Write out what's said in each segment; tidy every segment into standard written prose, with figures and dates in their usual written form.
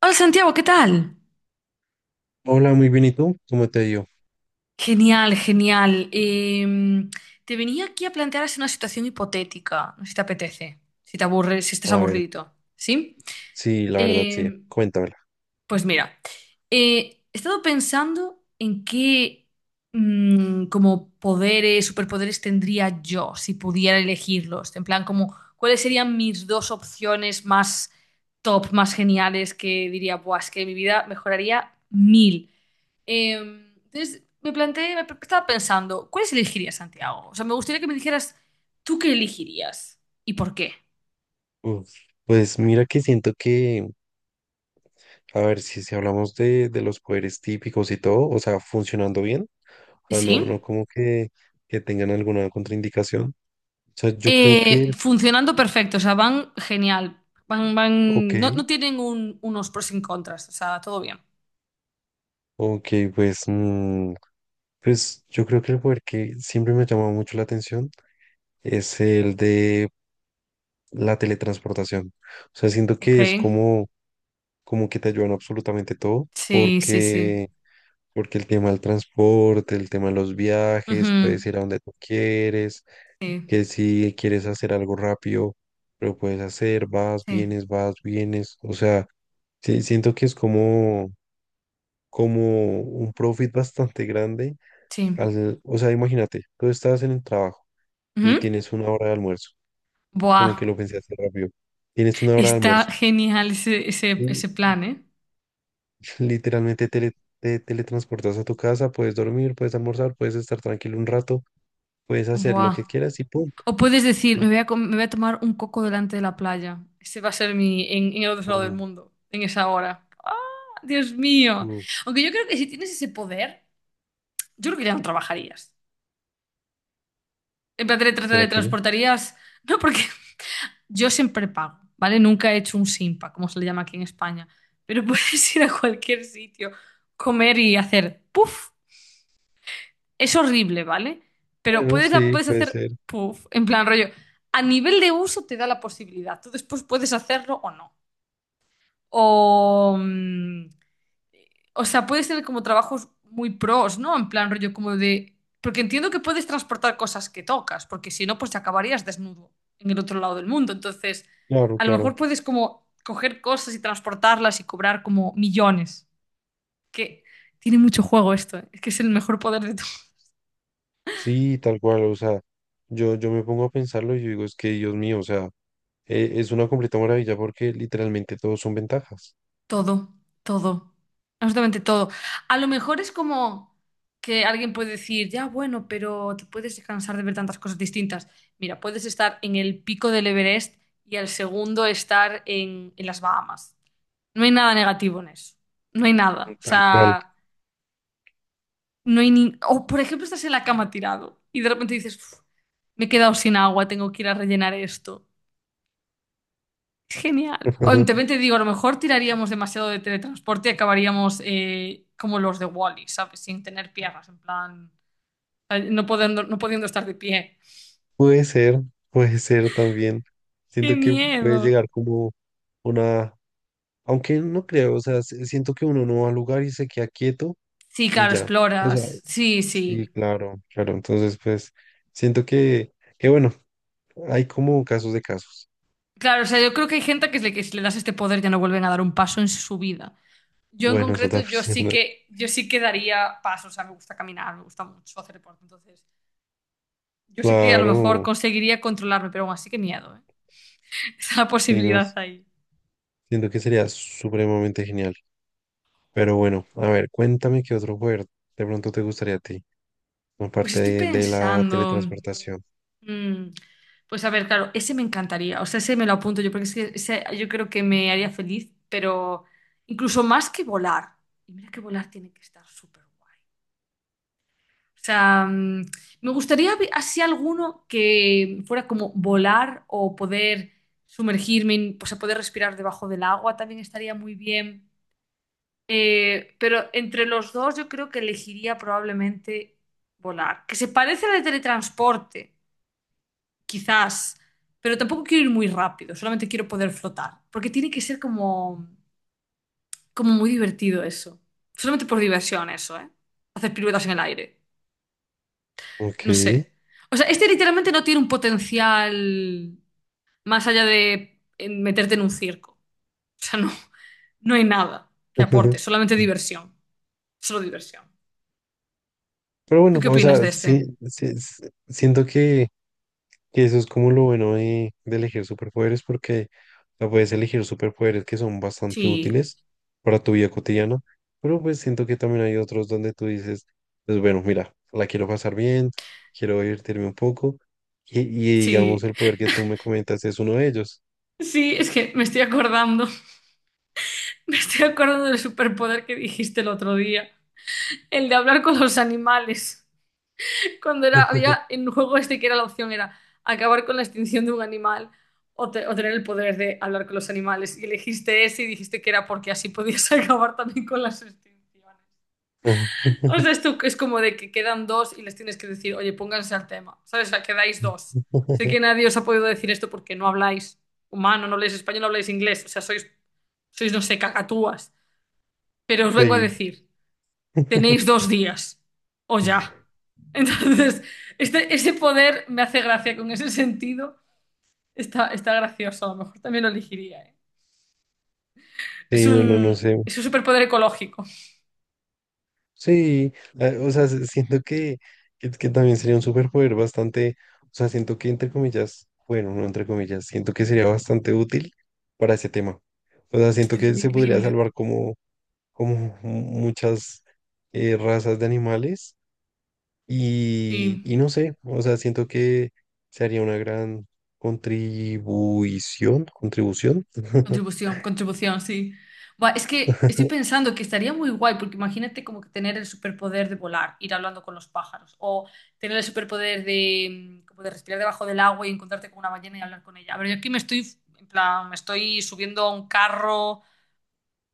Hola Santiago, ¿qué tal? Hola, muy bien, ¿y tú? ¿Cómo te ha ido? Genial, genial. Te venía aquí a plantear así una situación hipotética, no sé si te apetece, si te aburres, si estás A ver, aburrido, ¿sí? sí, la verdad, sí, Em, cuéntamela. pues mira, he estado pensando en qué, como poderes, superpoderes tendría yo si pudiera elegirlos. En plan, como cuáles serían mis dos opciones más top, más geniales, que diría, buah, es que mi vida mejoraría mil. Entonces me planteé, estaba pensando, ¿cuáles elegirías, Santiago? O sea, me gustaría que me dijeras, ¿tú qué elegirías? ¿Y por qué? Uf, pues mira que siento a ver, si hablamos de los poderes típicos y todo, o sea, funcionando bien, o sea, no, ¿Sí? no como que tengan alguna contraindicación. O sea, yo creo Funcionando perfecto, o sea, van genial. Ok, No, no tienen unos pros y contras, o sea, todo bien. ok, pues, pues yo creo que el poder que siempre me ha llamado mucho la atención es el de la teletransportación. O sea, siento Ok. que es como, como que te ayudan absolutamente todo, Sí, sí, sí. porque... Porque el tema del transporte, el tema de los viajes, puedes Ujú. ir a donde tú quieres, Sí, que si quieres hacer algo rápido, lo puedes hacer, vas, sí, vienes, vas, vienes. O sea, sí, siento que es como, como un profit bastante grande. sí. O sea, imagínate, tú estás en el trabajo y Ujú. tienes una hora de almuerzo, Buah, como que lo pensé hacer rápido. Tienes una hora de está almuerzo genial ese, ese, y ese plan, ¿eh? literalmente te teletransportas a tu casa, puedes dormir, puedes almorzar, puedes estar tranquilo un rato. Puedes hacer lo Buah. que quieras y punto. O puedes decir, Eh, me voy a tomar un coco delante de la playa. Ese va a ser mi en el otro lado del o- mundo, en esa hora. ¡Ah, Dios mío! o, Aunque yo creo que si tienes ese poder, yo creo que ya no trabajarías. En plan, te te ¿Será te que no? transportarías. No, porque yo siempre pago, ¿vale? Nunca he hecho un simpa, como se le llama aquí en España. Pero puedes ir a cualquier sitio, comer y hacer puff. Es horrible, ¿vale? Pero Bueno, sí, puedes puede hacer ser. puff, en plan rollo, a nivel de uso te da la posibilidad. Tú después puedes hacerlo o no. O, o sea, puedes tener como trabajos muy pros, ¿no? En plan rollo como de... Porque entiendo que puedes transportar cosas que tocas, porque si no, pues te acabarías desnudo en el otro lado del mundo. Entonces, Claro, a lo mejor claro. puedes como coger cosas y transportarlas y cobrar como millones. Que tiene mucho juego esto, ¿eh? Es que es el mejor poder de tu... Sí, tal cual. O sea, yo me pongo a pensarlo y yo digo, es que Dios mío, o sea, es una completa maravilla porque literalmente todos son ventajas. Todo, todo, absolutamente todo. A lo mejor es como que alguien puede decir, ya, bueno, pero te puedes cansar de ver tantas cosas distintas. Mira, puedes estar en el pico del Everest y al segundo estar en las Bahamas. No hay nada negativo en eso. No hay nada. O Tal cual. sea, no hay ni... O por ejemplo, estás en la cama tirado y de repente dices, "Uf, me he quedado sin agua, tengo que ir a rellenar esto". Genial. O también te digo, a lo mejor tiraríamos demasiado de teletransporte y acabaríamos, como los de Wall-E, ¿sabes? Sin tener piernas, en plan, no pudiendo estar de pie. Puede ser, puede ser también. ¡Qué Siento que puede miedo! llegar como una, aunque no creo, o sea, siento que uno no va al lugar y se queda quieto Sí, y claro, ya. O sea, exploras. Sí, sí, sí. claro, claro. Entonces, pues, siento que bueno, hay como casos de casos. Claro, o sea, yo creo que hay gente que, que si le das este poder ya no vuelven a dar un paso en su vida. Yo en Bueno, eso concreto, también es verdad. Yo sí que daría pasos, o sea, me gusta caminar, me gusta mucho hacer deporte, entonces yo sé que a lo mejor Claro, conseguiría controlarme, pero aún así, que miedo, ¿eh? Esa sí, no, posibilidad ahí. siento que sería supremamente genial. Pero bueno, a ver, cuéntame qué otro juego de pronto te gustaría a ti, Pues aparte estoy de la pensando, teletransportación. mm, pues a ver, claro, ese me encantaría. O sea, ese me lo apunto yo, porque es que ese yo creo que me haría feliz, pero incluso más que volar. Y mira que volar tiene que estar súper guay. O sea, me gustaría así alguno que fuera como volar o poder sumergirme, o sea, poder respirar debajo del agua también estaría muy bien. Pero entre los dos, yo creo que elegiría probablemente volar, que se parece al de teletransporte. Quizás, pero tampoco quiero ir muy rápido, solamente quiero poder flotar, porque tiene que ser como, como muy divertido eso. Solamente por diversión eso, ¿eh? Hacer piruetas en el aire. Ok. No sé. O sea, este literalmente no tiene un potencial más allá de, meterte en un circo. O sea, no, no hay nada que aporte, solamente diversión. Solo diversión. Pero ¿Tú bueno, qué o opinas sea, de este? sí, sí, sí, siento que eso es como lo bueno de elegir superpoderes, porque o sea, puedes elegir superpoderes que son bastante Sí, útiles para tu vida cotidiana, pero pues siento que también hay otros donde tú dices, pues bueno, mira, la quiero pasar bien, quiero divertirme un poco, y digamos sí. el poder que tú me comentas es uno de ellos. Sí, es que me estoy acordando. Me estoy acordando del superpoder que dijiste el otro día. El de hablar con los animales. Cuando era, había en un juego este que era la opción, era acabar con la extinción de un animal o, o tener el poder de hablar con los animales. Y elegiste ese y dijiste que era porque así podías acabar también con las extinciones. O sea, esto es como de que quedan dos y les tienes que decir, oye, pónganse al tema, ¿sabes? O sea, quedáis dos. Sé que nadie os ha podido decir esto porque no habláis humano, no habláis español, no habláis inglés, o sea, sois, no sé, cacatúas. Pero os vengo a Sí. decir, tenéis dos días, o ya. Entonces, este, ese poder me hace gracia con ese sentido. Está gracioso, a lo mejor también lo elegiría, ¿eh? Sí, no, no sé. Es un superpoder ecológico. Sí, o sea, siento que también sería un superpoder bastante, o sea, siento que entre comillas, bueno, no entre comillas, siento que sería bastante útil para ese tema. O sea, Este siento que es se podría increíble. salvar como, como muchas razas de animales Sí. y no sé, o sea, siento que se haría una gran contribución, contribución, Contribución, contribución, sí. Buah, es que estoy pensando que estaría muy guay, porque imagínate como que tener el superpoder de volar, ir hablando con los pájaros, o tener el superpoder de, como de respirar debajo del agua y encontrarte con una ballena y hablar con ella. A ver, yo aquí me estoy, en plan, me estoy subiendo a un carro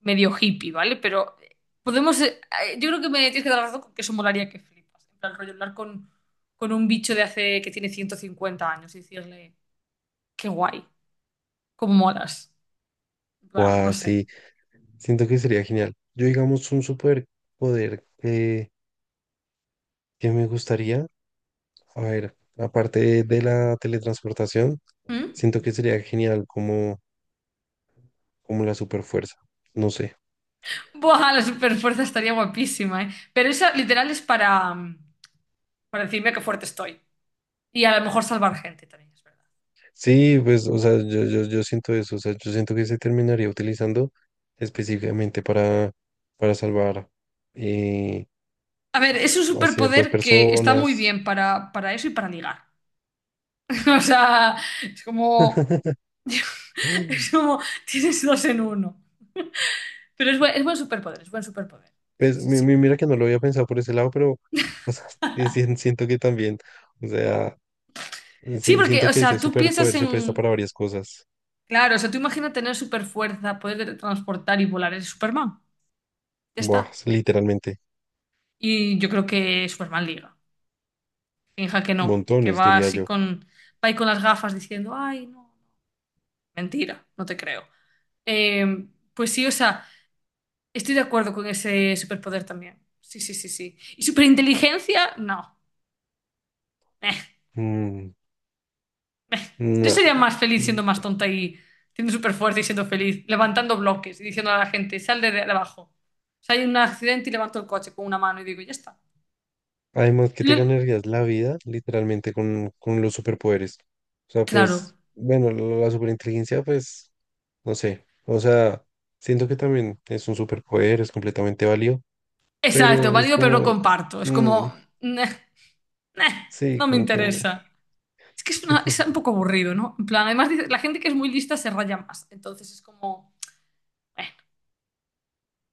medio hippie, ¿vale? Pero, podemos, yo creo que me tienes que dar la razón con que eso molaría que flipas. En plan, rollo, con un bicho de hace, que tiene 150 años y decirle, qué guay, cómo molas. En o plan, no sé. así, siento que sería genial. Yo digamos un superpoder que me gustaría. A ver, aparte de la teletransportación, ¿Mm? siento que sería genial como, como la superfuerza. No sé. Buah, la superfuerza estaría guapísima, ¿eh? Pero esa literal es para, para decirme qué fuerte estoy. Y a lo mejor salvar gente también, es verdad. Sí, pues, o sea, yo siento eso. O sea, yo siento que se terminaría utilizando específicamente para salvar eh, A ver, es un a ciertas superpoder que está muy personas. bien para eso y para ligar. O sea, es como, es como, tienes dos en uno. Pero es buen superpoder, es buen superpoder. Sí, Pues, sí, sí. Mira que no lo había pensado por ese lado, pero o sea, sí, sí, siento que también, o sea, Sí, sí, porque, siento o que sea, ese tú piensas superpoder se presta en, para varias cosas. claro, o sea, tú imaginas tener superfuerza, poder transportar y volar, eres Superman. Ya Buah, está. literalmente, Y yo creo que Superman liga. Finja que no, que montones, va diría así yo. con, va ahí con las gafas diciendo, ay, no, no, mentira, no te creo. Eh, pues sí, o sea, estoy de acuerdo con ese superpoder también. Sí, sí, sí, sí. ¿Y superinteligencia? No. Eh, Mm, eh. Yo sería no. más feliz siendo más tonta y siendo súper fuerte y siendo feliz, levantando bloques y diciendo a la gente, sal de abajo. O sea, hay un accidente y levanto el coche con una mano y digo, ya está. Además que te Lo- ganarías la vida literalmente con los superpoderes. O sea, Claro, pues, bueno, la superinteligencia, pues, no sé. O sea, siento que también es un superpoder, es completamente válido, exacto, pero es válido, pero no como, comparto. Es mm, como, "Neh, neh, sí, no me como que, mm, interesa". Es que es, es un poco aburrido, ¿no? En plan, además dice, la gente que es muy lista se raya más. Entonces es como, eh,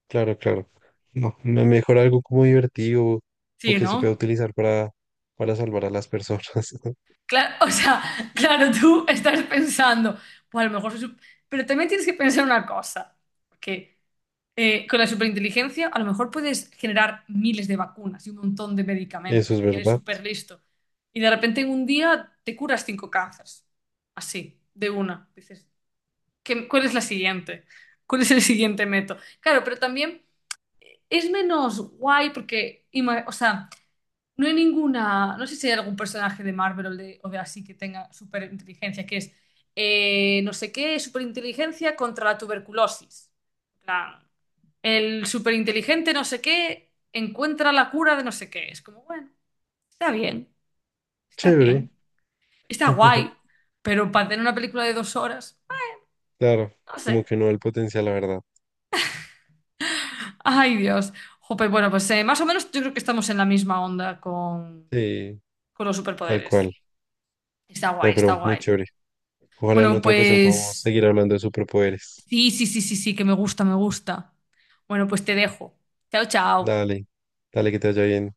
claro, claro. No, mejor algo como divertido o sí, que se pueda ¿no? utilizar para salvar a las personas. Claro, o sea, claro, tú estás pensando, pues a lo mejor pero también tienes que pensar una cosa, que, con la superinteligencia a lo mejor puedes generar miles de vacunas y un montón de Eso medicamentos, es porque eres verdad. súper listo. Y de repente en un día te curas cinco cánceres. Así, de una. Dices, ¿cuál es la siguiente? ¿Cuál es el siguiente método? Claro, pero también es menos guay porque, o sea, no hay ninguna, no sé si hay algún personaje de Marvel o de, así que tenga superinteligencia, que es, no sé qué, superinteligencia contra la tuberculosis. En plan, el superinteligente no sé qué encuentra la cura de no sé qué. Es como, bueno, está bien, está Chévere. bien, está guay, pero para tener una película de 2 horas, Claro, no como sé. que no el potencial, la verdad. Ay, Dios. Jope, bueno, pues, más o menos yo creo que estamos en la misma onda Sí, con, los tal superpoderes. cual. Está No, guay, está pero muy guay. chévere. Ojalá en Bueno, otra ocasión podamos pues seguir hablando de superpoderes. sí, sí, sí, sí, sí, que me gusta, me gusta. Bueno, pues te dejo. Chao, chao. Dale, dale que te vaya bien.